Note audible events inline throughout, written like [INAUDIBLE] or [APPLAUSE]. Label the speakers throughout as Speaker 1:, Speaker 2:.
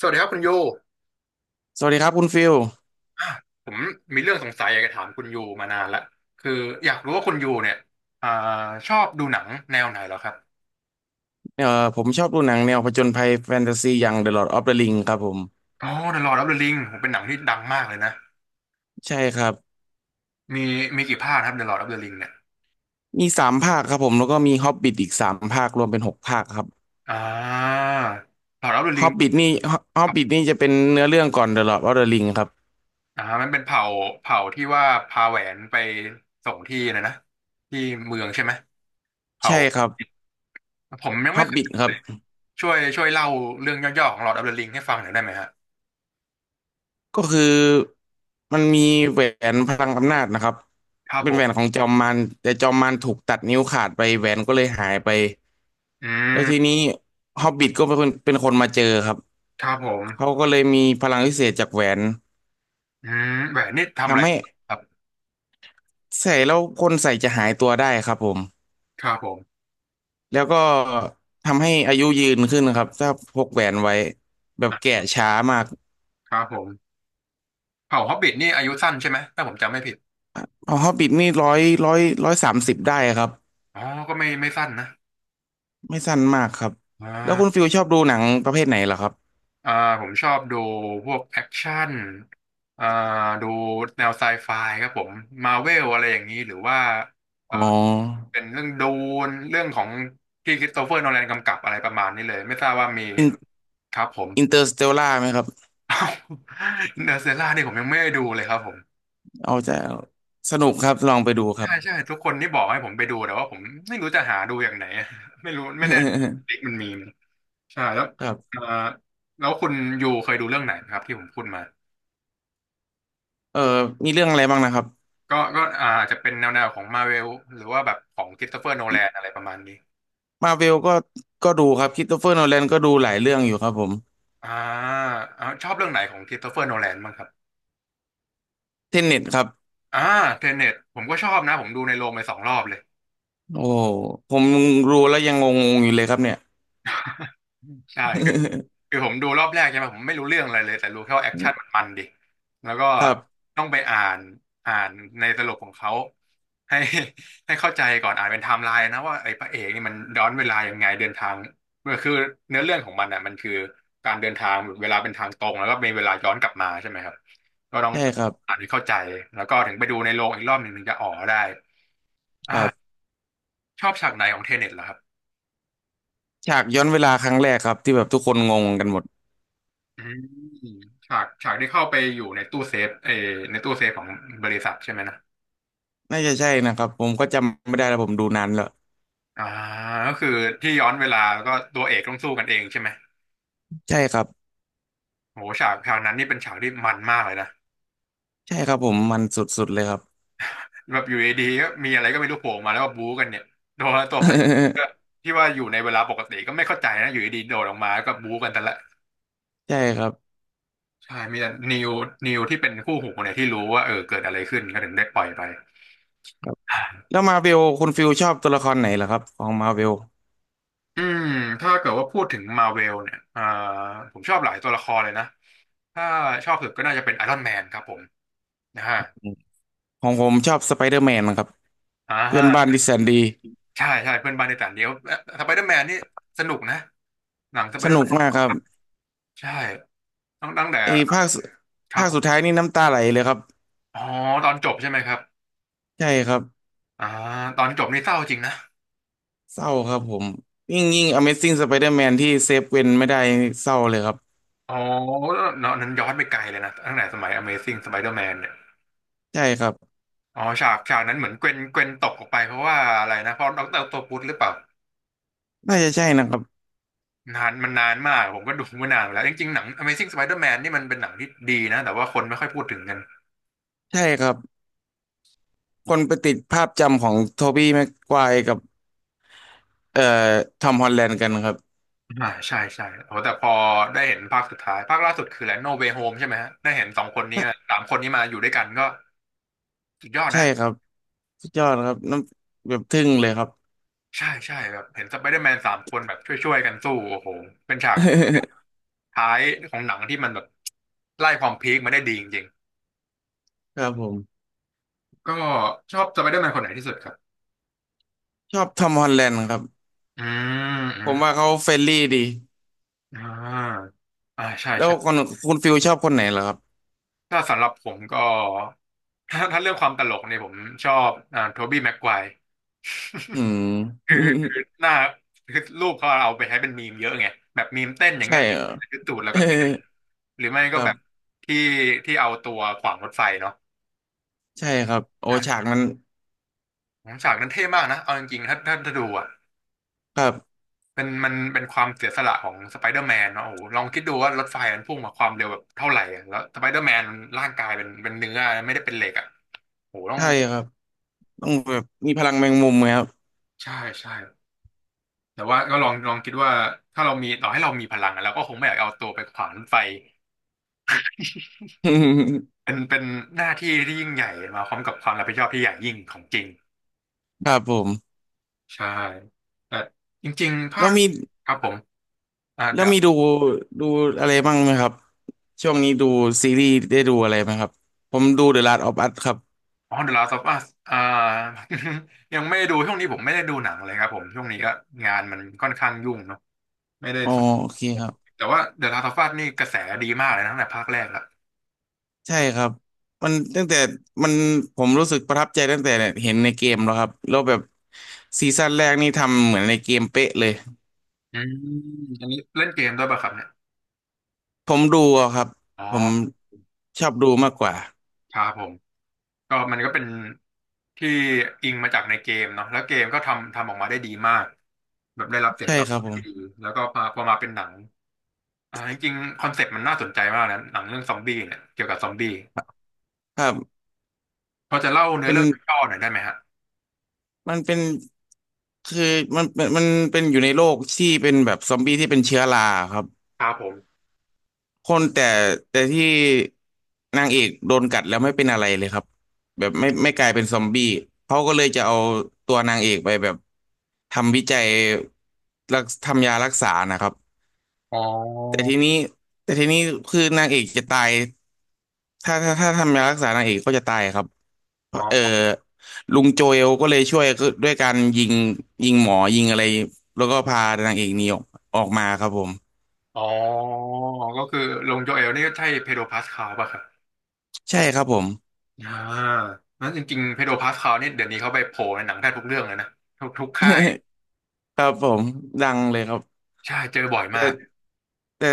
Speaker 1: สวัสดีครับคุณยู
Speaker 2: สวัสดีครับคุณฟิล
Speaker 1: ผมมีเรื่องสงสัยอยากจะถามคุณยูมานานละคืออยากรู้ว่าคุณยูเนี่ยอ่าชอบดูหนังแนวไหนเหรอครับ
Speaker 2: เอ่อผมชอบดูหนังแนวผจญภัยแฟนตาซีอย่าง The Lord of the Ring ครับผม
Speaker 1: อ๋อ The Lord of the Ring ผมเป็นหนังที่ดังมากเลยนะ
Speaker 2: ใช่ครับ
Speaker 1: มีมีกี่ภาคครับ The Lord of the Ring เนี่ย
Speaker 2: มีสามภาคครับผมแล้วก็มี Hobbit อีกสามภาครวมเป็น6 ภาคครับ
Speaker 1: อ่า Lord of the Ring
Speaker 2: Hobbit นี่
Speaker 1: ครั
Speaker 2: Hobbit
Speaker 1: บ
Speaker 2: นี่จะเป็นเนื้อเรื่องก่อน The Lord of the Ring ครับ
Speaker 1: มันเป็นเผ่าที่ว่าพาแหวนไปส่งที่นะนะที่เมืองใช่ไหมเผ่า
Speaker 2: ใช่ครับ
Speaker 1: ผมยังไม่เคย
Speaker 2: Hobbit
Speaker 1: ดู
Speaker 2: ครั
Speaker 1: เล
Speaker 2: บ
Speaker 1: ยช่วยเล่าเรื่องย่อๆของ Lord of the Ring ให้ฟังหน่อยได้ไหมฮะ
Speaker 2: ก็คือมันมีแหวนพลังอำนาจนะครับ
Speaker 1: ครับ
Speaker 2: เป็
Speaker 1: ผ
Speaker 2: นแหวน
Speaker 1: ม
Speaker 2: ของจอมมารแต่จอมมารถูกตัดนิ้วขาดไปแหวนก็เลยหายไป
Speaker 1: อื
Speaker 2: แล้วที
Speaker 1: ม
Speaker 2: นี้ฮอบบิ t ก็เป็นคนมาเจอครับ
Speaker 1: ครับผม
Speaker 2: เขาก็เลยมีพลังพิเศษจากแหวน
Speaker 1: แหวนนี่ทำอะไร
Speaker 2: ทำให้
Speaker 1: ครับ
Speaker 2: ใส่แล้วคนใส่จะหายตัวได้ครับผม
Speaker 1: ครับผม
Speaker 2: แล้วก็ทำให้อายุยืนขึ้นครับถ้าพกแหวนไว้แบบ
Speaker 1: อ่
Speaker 2: แก่
Speaker 1: ะ
Speaker 2: ช้ามาก
Speaker 1: ครับผมเผ่าฮอบบิทนี่อายุสั้นใช่ไหมถ้าผมจำไม่ผิด
Speaker 2: เอาฮอบบิทนี่ร้อย130ได้ครับ
Speaker 1: อ๋อ ก็ไม่สั้นนะ
Speaker 2: ไม่สั้นมากครับ
Speaker 1: อ่
Speaker 2: แล้วคุณ
Speaker 1: า
Speaker 2: ฟิลชอบดูหนังประเภทไหนเหรอครับ
Speaker 1: อ่าผมชอบดูพวกแอคชั่นอ่าดูแนวไซไฟครับผมมาเวลอะไรอย่างนี้หรือว่าเอ่อ
Speaker 2: อ๋อ
Speaker 1: เป็นเรื่องดูนเรื่องของที่คริสโตเฟอร์โนแลนกำกับอะไรประมาณนี้เลย ไม่ทราบว่ามี
Speaker 2: อิน
Speaker 1: ครับผม
Speaker 2: อินเตอร์สเตลล่าไหมครับ
Speaker 1: [LAUGHS] เนเตอร์เซล่านี่ผมยังไม่ได้ดูเลยครับผม
Speaker 2: เอาจะสนุกครับลองไปดูครั
Speaker 1: ใช่
Speaker 2: บ
Speaker 1: ใช่ทุกคนที่บอกให้ผมไปดูแต่ว่าผมไม่รู้จะหาดูอย่างไหน [LAUGHS] ไม่รู้ไม่แน่เด็กมันมีไหมใช่แล้ว
Speaker 2: [LAUGHS] ครั
Speaker 1: เอ่
Speaker 2: บ
Speaker 1: อแล้วคุณยูเคยดูเรื่องไหนครับที่ผมพูดมา
Speaker 2: เออมีเรื่องอะไรบ้างนะครับ
Speaker 1: ก็อาจจะเป็นแนวของมาเวลหรือว่าแบบของค h ิส s ตเฟอร์โนแลนอะไรประมาณนี้
Speaker 2: มาเวลก็ดูครับค h r สโตเฟอร์โนแลนก็ดูหลายเรื่องอยู่ครับผม
Speaker 1: อ่าชอบเรื่องไหนของค h ิส s ตเฟอร์โนแลนบ้างครับ
Speaker 2: เทนเน็ตครับ
Speaker 1: อ่าเทเน็ตผมก็ชอบนะผมดูในโรงไปสองรอบเลย
Speaker 2: โอ้ผมรู้แล้วยังงงๆอยู่เลยครับเนี่ย
Speaker 1: ใช่ คือผมดูรอบแรกใช่ไหมผมไม่รู้เรื่องอะไรเลยแต่รู้แค่ว่าแอคชั่นมัน
Speaker 2: [LAUGHS]
Speaker 1: มันดิแล้วก็
Speaker 2: ครับ
Speaker 1: ต้องไปอ่านในสรุปของเขาให้ [LAUGHS] ให้เข้าใจก่อนอ่านเป็นไทม์ไลน์นะว่าไอ้พระเอกนี่มันย้อนเวลายังไงเดินทางมันคือเนื้อเรื่องของมันอ่ะมันคือการเดินทางเวลาเป็นทางตรงแล้วก็มีเวลาย้อนกลับมาใช่ไหมครับก็ต้อง
Speaker 2: ใช่ครับ
Speaker 1: อ่านให้เข้าใจแล้วก็ถึงไปดูในโรงอีกรอบหนึ่งถึงจะอ๋อได้
Speaker 2: ครั
Speaker 1: อ่า
Speaker 2: บ
Speaker 1: ชอบฉากไหนของเทเน็ตเหรอครับ
Speaker 2: ฉากย้อนเวลาครั้งแรกครับที่แบบทุกคนงงกันหมด
Speaker 1: อืมฉากที่เข้าไปอยู่ในตู้เซฟในตู้เซฟของบริษัทใช่ไหมนะ
Speaker 2: น่าจะใช่นะครับผมก็จำไม่ได้แล้วผมดูนานแล้ว
Speaker 1: อ่าก็คือที่ย้อนเวลาแล้วก็ตัวเอกต้องสู้กันเองใช่ไหม
Speaker 2: ใช่ครับ
Speaker 1: โหฉากนั้นนี่เป็นฉากที่มันมากเลยนะ
Speaker 2: ใช่ครับผมมันสุดๆเลยครับ
Speaker 1: แบบอยู่ดีๆก็มีอะไรก็ไม่รู้โผล่มาแล้วก็บู๊กันเนี่ยตัวพระเอกก็
Speaker 2: [LAUGHS]
Speaker 1: ที่ว่าอยู่ในเวลาปกติก็ไม่เข้าใจนะอยู่ดีๆโดดออกมาแล้วก็บู๊กันแต่ละ
Speaker 2: ใช่ครับ
Speaker 1: ใช่มีแต่นิวที่เป็นคู่หูเนี่ยที่รู้ว่าเออเกิดอะไรขึ้นก็ถึงได้ปล่อยไป
Speaker 2: ครับแล้วมาเวลคุณฟิลชอบตัวละครไหนเหรอครับของมาเวล
Speaker 1: อืมถ้าเกิดว่าพูดถึงมาเวลเนี่ยผมชอบหลายตัวละครเลยนะ ถ้าชอบสุดก็น่าจะเป็นไอรอนแมนครับผมนะฮะ
Speaker 2: ของผมชอบสไปเดอร์แมนครับ
Speaker 1: อ่า
Speaker 2: เพื่อ
Speaker 1: ฮะ
Speaker 2: นบ้านที่แสนดี
Speaker 1: ใช่ใช่เพื่อนบ้านในต่างเดียวสไปเดอร์แมนนี่สนุกนะหนังสไป
Speaker 2: ส
Speaker 1: เดอร์
Speaker 2: นุ
Speaker 1: แม
Speaker 2: ก
Speaker 1: น
Speaker 2: มากครับ
Speaker 1: ใช่ตั้งแต่
Speaker 2: ไอ้
Speaker 1: ครับ
Speaker 2: ภาค
Speaker 1: ผ
Speaker 2: สุดท้า
Speaker 1: ม
Speaker 2: ยนี่น้ำตาไหลเลยครับ
Speaker 1: อ๋อตอนจบใช่ไหมครับ
Speaker 2: ใช่ครับ
Speaker 1: อ่าตอนจบนี่เศร้าจริงนะ
Speaker 2: เศร้าครับผมยิ่งยิ่ง Amazing Spider-Man ที่เซฟเวนไม่ได้เศร้าเลยครับ
Speaker 1: อ๋อเนาะนั้นย้อนไปไกลเลยนะตั้งแต่สมัย Amazing Spider-Man เนี่ย
Speaker 2: ใช่ครับ
Speaker 1: อ๋อฉากนั้นเหมือนเกวนตกออกไปเพราะว่าอะไรนะเพราะดอกเตอร์ออคโตปุสหรือเปล่า
Speaker 2: น่าจะใช่นะครับ
Speaker 1: นานมันนานมากผมก็ดูมานานแล้วจริงๆหนัง Amazing Spider-Man นี่มันเป็นหนังที่ดีนะแต่ว่าคนไม่ค่อยพูดถึงกัน
Speaker 2: ใช่ครับคนไปติดภาพจำของโทบี้แม็กไกวร์กับเอ่อทอมฮอลแลนด์กันครับ
Speaker 1: ใช่ใช่โอ้แต่พอได้เห็นภาคสุดท้ายภาคล่าสุดคืออะไรโนเวโฮมใช่ไหมฮะได้เห็นสองคนนี้
Speaker 2: น่ะ
Speaker 1: มาสามคนนี้มาอยู่ด้วยกันก็สุดยอด
Speaker 2: ใช่
Speaker 1: นะ
Speaker 2: ครับสุดยอดครับน้ำแบบทึ่งเลยครับ
Speaker 1: ใช่ใช่แบบเห็นสไปเดอร์แมนสามคนแบบช่วยๆกันสู้โอ้โหเป็นฉาก
Speaker 2: [LAUGHS]
Speaker 1: ท้ายของหนังที่มันแบบไล่ความพีคมาได้ดีจริง
Speaker 2: ครับผม
Speaker 1: ๆก็ชอบสไปเดอร์แมนคนไหนที่สุดครับ
Speaker 2: ชอบทอมฮอลแลนด์ครับ
Speaker 1: อืมอื
Speaker 2: ผ
Speaker 1: ม
Speaker 2: มว่าเขาเฟรนลี่ดี
Speaker 1: อ่าใช่
Speaker 2: แล้ว
Speaker 1: ใช่
Speaker 2: คุณฟิลชอบคนไหนเหรอครับ
Speaker 1: ถ้าสำหรับผมก็ถ้าเรื่องความตลกเนี่ยผมชอบโทบี้แม็กไกวร์
Speaker 2: อื
Speaker 1: คือ
Speaker 2: ม
Speaker 1: คือหน้าคือรูปเขาเอาไปใช้เป็นมีมเยอะไงแบบมีมเต้นอ
Speaker 2: [LAUGHS]
Speaker 1: ย่าง
Speaker 2: ใช่
Speaker 1: เงี้ย
Speaker 2: เหรอ
Speaker 1: คือตูดแล้วก็เต้น
Speaker 2: [LAUGHS]
Speaker 1: หรือไม่
Speaker 2: ค
Speaker 1: ก็
Speaker 2: รั
Speaker 1: แบ
Speaker 2: บ
Speaker 1: บที่ที่เอาตัวขวางรถไฟเนาะ
Speaker 2: ใช่ครับโอฉา
Speaker 1: อ่ะ
Speaker 2: กมัน
Speaker 1: ฉากนั้นเท่มากนะเอาจริงๆถ้าดูอ่ะ
Speaker 2: ครับ
Speaker 1: เป็นมันเป็นความเสียสละของสไปเดอร์แมนเนาะโอ้โหลองคิดดูว่ารถไฟมันพุ่งมาความเร็วแบบเท่าไหร่อะแล้วสไปเดอร์แมนร่างกายเป็นเนื้อไม่ได้เป็นเหล็กอ่ะโอ้โหต้อง
Speaker 2: ใช่ครับต้องแบบมีพลังแมงมุมไหมครับ
Speaker 1: ใช่ใช่แต่ว่าก็ลองคิดว่าถ้าเรามีต่อให้เรามีพลังอะเราก็คงไม่อยากเอาตัวไปขวางรถไฟ เป็
Speaker 2: [LAUGHS]
Speaker 1: นเป็นหน้าที่ที่ยิ่งใหญ่มาพร้อมกับความรับผิดชอบที่ใหญ่ยิ่งของจริง
Speaker 2: ครับผม
Speaker 1: ใช่แต่จริงๆภา
Speaker 2: แล้ว
Speaker 1: ค
Speaker 2: มี
Speaker 1: ครับผมอ่า
Speaker 2: แล้ว
Speaker 1: เดี๋
Speaker 2: มีดูอะไรบ้างไหมครับช่วงนี้ดูซีรีส์ได้ดูอะไรไหมครับผมดู The Last of Us ครับ
Speaker 1: อ๋อ The Last of Us อ่า [LAUGHS] ยังไม่ได้ดูช่วงนี้ผมไม่ได้ดูหนังเลยครับผมช่วงนี้ก็งานมันค่อนข้างยุ่งเนาะไม่ได้
Speaker 2: อ๋อ
Speaker 1: สม
Speaker 2: โอเคครับ
Speaker 1: แต่ว่า The Last of Us นี่กระแสดีมากเลยนะตั้งแต่ภาคแรกละ
Speaker 2: ใช่ครับมันตั้งแต่มันผมรู้สึกประทับใจตั้งแต่เห็นในเกมแล้วครับแล้วแบบซีซั่นแรกนี่ทำเหมือนในเกมเป๊ะเลย
Speaker 1: อืมอันนี้เล่นเกมด้วยป่ะครับเนี่ย
Speaker 2: ผมดูอะครับ
Speaker 1: อ๋อ
Speaker 2: ผมชอบดูมากกว่า
Speaker 1: ครับผม มันก็เป็นที่อิงมาจากในเกมเนาะแล้วเกมก็ทำออกมาได้ดีมากแบบได้รับเสียง
Speaker 2: ใช่
Speaker 1: ตอบ
Speaker 2: ครับ
Speaker 1: รับ
Speaker 2: ผ
Speaker 1: ที่ดี
Speaker 2: ม
Speaker 1: แล้วก็พอมาเป็นหนังอ่าจริงๆคอนเซ็ปต์มันน่าสนใจมากนะหนังเรื่องซอมบี้เนี่ยเกี่ยวกับซอมบี้
Speaker 2: ครับ
Speaker 1: พอจะเล่าเนื้อ
Speaker 2: เป็น
Speaker 1: เรื่องย่อหน่อยได้ไหมฮะ
Speaker 2: มันเป็นคือมันเป็นอยู่ในโลกที่เป็นแบบซอมบี้ที่เป็นเชื้อราครับ
Speaker 1: ครับผม
Speaker 2: คนแต่แต่ที่นางเอกโดนกัดแล้วไม่เป็นอะไรเลยครับแบบไม่กลายเป็นซอมบี้เขาก็เลยจะเอาตัวนางเอกไปแบบทำวิจัยทำยารักษานะครับ
Speaker 1: อ๋อ
Speaker 2: แต่ทีนี้แต่ทีนี้คือนางเอกจะตาย ถ้าทำยารักษานางเอกก็จะตายครับ
Speaker 1: อ๋
Speaker 2: เออ
Speaker 1: อ
Speaker 2: ลุงโจเอลก็เลยช่วยก็ด้วยการยิงยิงหมอยิงอะไรแล้วก็พานางเอกหนีออกมาครับผม
Speaker 1: อ๋อก็คือลงโจเอลนี่ก็ใช่เพโดรพาสคาลป่ะครับ
Speaker 2: ใช่ครับผม
Speaker 1: อ่านั้นจริงๆเพโดรพาสคาลนี่เดี๋ยวนี้เขาไปโผล่ในหนังแทบทุกเรื่องเลยนะทุกค่าย
Speaker 2: [LAUGHS] ครับผมดังเลยครับ
Speaker 1: ใช่เจอบ่อยมา
Speaker 2: แต่
Speaker 1: ก
Speaker 2: แต่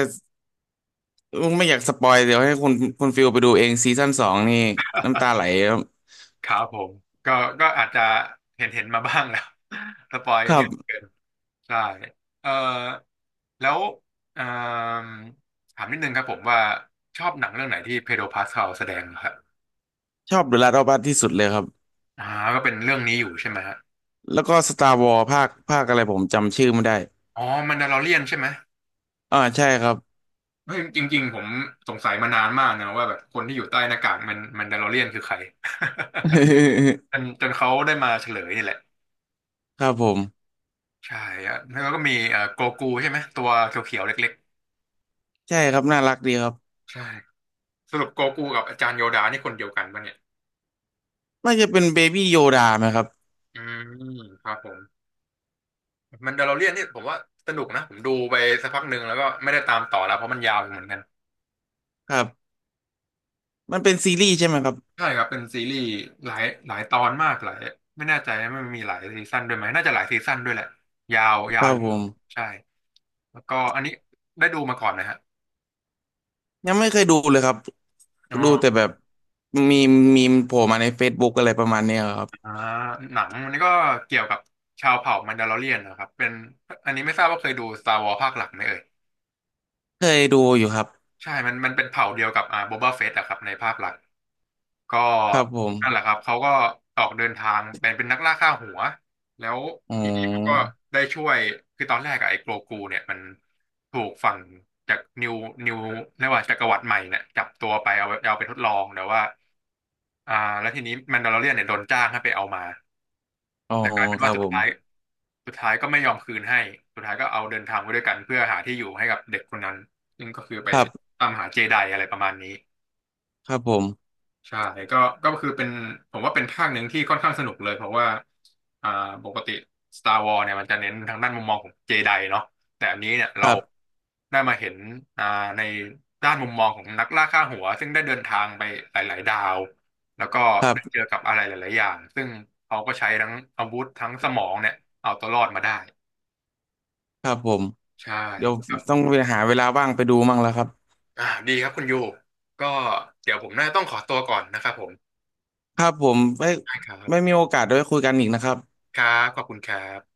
Speaker 2: ไม่อยากสปอยเดี๋ยวให้คุณฟิลไปดูเองซีซั่น 2นี่น้ำตาไหลครับ
Speaker 1: ครับผมก็ก็อาจจะเห็นมาบ้างแล้ว [LAUGHS] สปอย
Speaker 2: ค
Speaker 1: กัน
Speaker 2: รั
Speaker 1: เยอะเกิ
Speaker 2: บ
Speaker 1: นใช่เออแล้วเอิ่มถามนิดนึงครับผมว่าชอบหนังเรื่องไหนที่เพโดรพาสคาลแสดงเรครับ
Speaker 2: ชอบเดอะลาสต์อออัสที่สุดเลยครับ
Speaker 1: อ่าก็เป็นเรื่องนี้อยู่ใช่ไหมฮะ
Speaker 2: แล้วก็สตาร์วอ s ภาคอะไรผมจำชื่อไม่ได้
Speaker 1: อ๋อมันดา l อเรียนใช่ไหม
Speaker 2: อ่าใช่ครับ
Speaker 1: เฮ้ยจริงๆผมสงสัยมานานมากนะว่าแบบคนที่อยู่ใต้หน้ากากมันมันดาลอเรียนคือใคร [LAUGHS] จนเขาได้มาเฉลยนี่แหละ
Speaker 2: [LAUGHS] ครับผม
Speaker 1: ใช่อะแล้วก็มีโกกูใช่ไหมตัวเขียวๆเล็ก
Speaker 2: ใช่ครับน่ารักดีครับ
Speaker 1: ๆใช่ สรุปโกกูกับอาจารย์โยดานี่คนเดียวกันปะเนี่ย
Speaker 2: น่าจะเป็นเบบี้โยดาไหมครับ
Speaker 1: อืมครับผมมันเดลโลเรียนนี่ผมว่าสนุกนะ ผมดูไปสักพักหนึ่งแล้วก็ไม่ได้ตามต่อแล้วเพราะมันยาวเหมือนกัน
Speaker 2: ครับมันเป็นซีรีส์ใช่ไหมครับ
Speaker 1: ใช่ครับเป็นซีรีส์หลายตอนมากหลายไม่แน่ใจนะมันมีหลายซีซั่นด้วยไหมน่าจะหลายซีซั่นด้วยแหละ ยาว
Speaker 2: ค
Speaker 1: ยาว
Speaker 2: รั
Speaker 1: อ
Speaker 2: บ
Speaker 1: ยู่
Speaker 2: ผม
Speaker 1: ใช่ แล้วก็อันนี้ได้ดูมาก่อนนะฮะ
Speaker 2: ยังไม่เคยดูเลยครับ
Speaker 1: อ๋อ
Speaker 2: ดูแต่แบบมีมีมโผล่มาใน Facebook อะไรประมาณเนี้ยครับ
Speaker 1: อ่าหนังอันนี้ก็เกี่ยวกับชาวเผ่ามันดาโลอเรียนนะครับเป็นอันนี้ไม่ทราบว่าเคยดู Star Wars ภาคหลักไหมเอ่ย
Speaker 2: เคยดูอยู่ครับ
Speaker 1: ใช่มันเป็นเผ่าเดียวกับอ่าโบบาเฟตอะครับในภาคหลัก ก็
Speaker 2: ครับผม
Speaker 1: นั่นแหละครับเขาก็ออกเดินทางเป็นนักล่าค่าหัวแล้ว
Speaker 2: อ๋อ
Speaker 1: ทีนี้เขาก็ได้ช่วยคือตอนแรกอะไอ้โกรกูเนี่ยมันถูกฝั่งจากนิวเรียกว่าจักรวรรดิใหม่เนี่ยจับตัวไปเอาไปทดลองแต่ว่าอ่าแล้วทีนี้แมนดาลอเรียนเนี่ยโดนจ้างให้ไปเอามา
Speaker 2: อ๋อ
Speaker 1: แต่กลายเป็น
Speaker 2: ครั
Speaker 1: ว่า
Speaker 2: บ
Speaker 1: สุด
Speaker 2: ผม
Speaker 1: ท้ายสุดท้ายก็ไม่ยอมคืนให้สุดท้ายก็เอาเดินทางไปด้วยกันเพื่อหาที่อยู่ให้กับเด็กคนนั้นซึ่งก็คือไป
Speaker 2: ครับ
Speaker 1: ตามหาเจไดอะไรประมาณนี้
Speaker 2: ครับผม
Speaker 1: ใช่ก็ก็คือเป็นผมว่าเป็นภาคหนึ่งที่ค่อนข้างสนุกเลยเพราะว่าอ่าปกติ Star Wars เนี่ยมันจะเน้นทางด้านมุมมองของเจไดเนาะแต่อันนี้เนี่ย
Speaker 2: ค
Speaker 1: เรา
Speaker 2: รับ
Speaker 1: ได้มาเห็นอ่าในด้านมุมมองของนักล่าค่าหัวซึ่งได้เดินทางไปหลายๆดาวแล้วก็
Speaker 2: ครั
Speaker 1: ได้เจอ
Speaker 2: บ
Speaker 1: กับอะไรหลายๆอย่างซึ่งเขาก็ใช้ทั้งอาวุธทั้งสมองเนี่ยเอาตัวรอดมาได้
Speaker 2: ครับผม
Speaker 1: ใช่
Speaker 2: เดี๋ยว
Speaker 1: ครั
Speaker 2: ต้
Speaker 1: บ
Speaker 2: องไปหาเวลาว่างไปดูมั่งแล้วครับ
Speaker 1: อ่าดีครับคุณยูก็เดี๋ยวผมน่าจะต้องขอตัวก่อนนะครับผม
Speaker 2: ครับผมไม่
Speaker 1: ได้ครั
Speaker 2: ไม่
Speaker 1: บ
Speaker 2: มีโอกาสได้คุยกันอีกนะครับ
Speaker 1: ครับขอบคุณครับ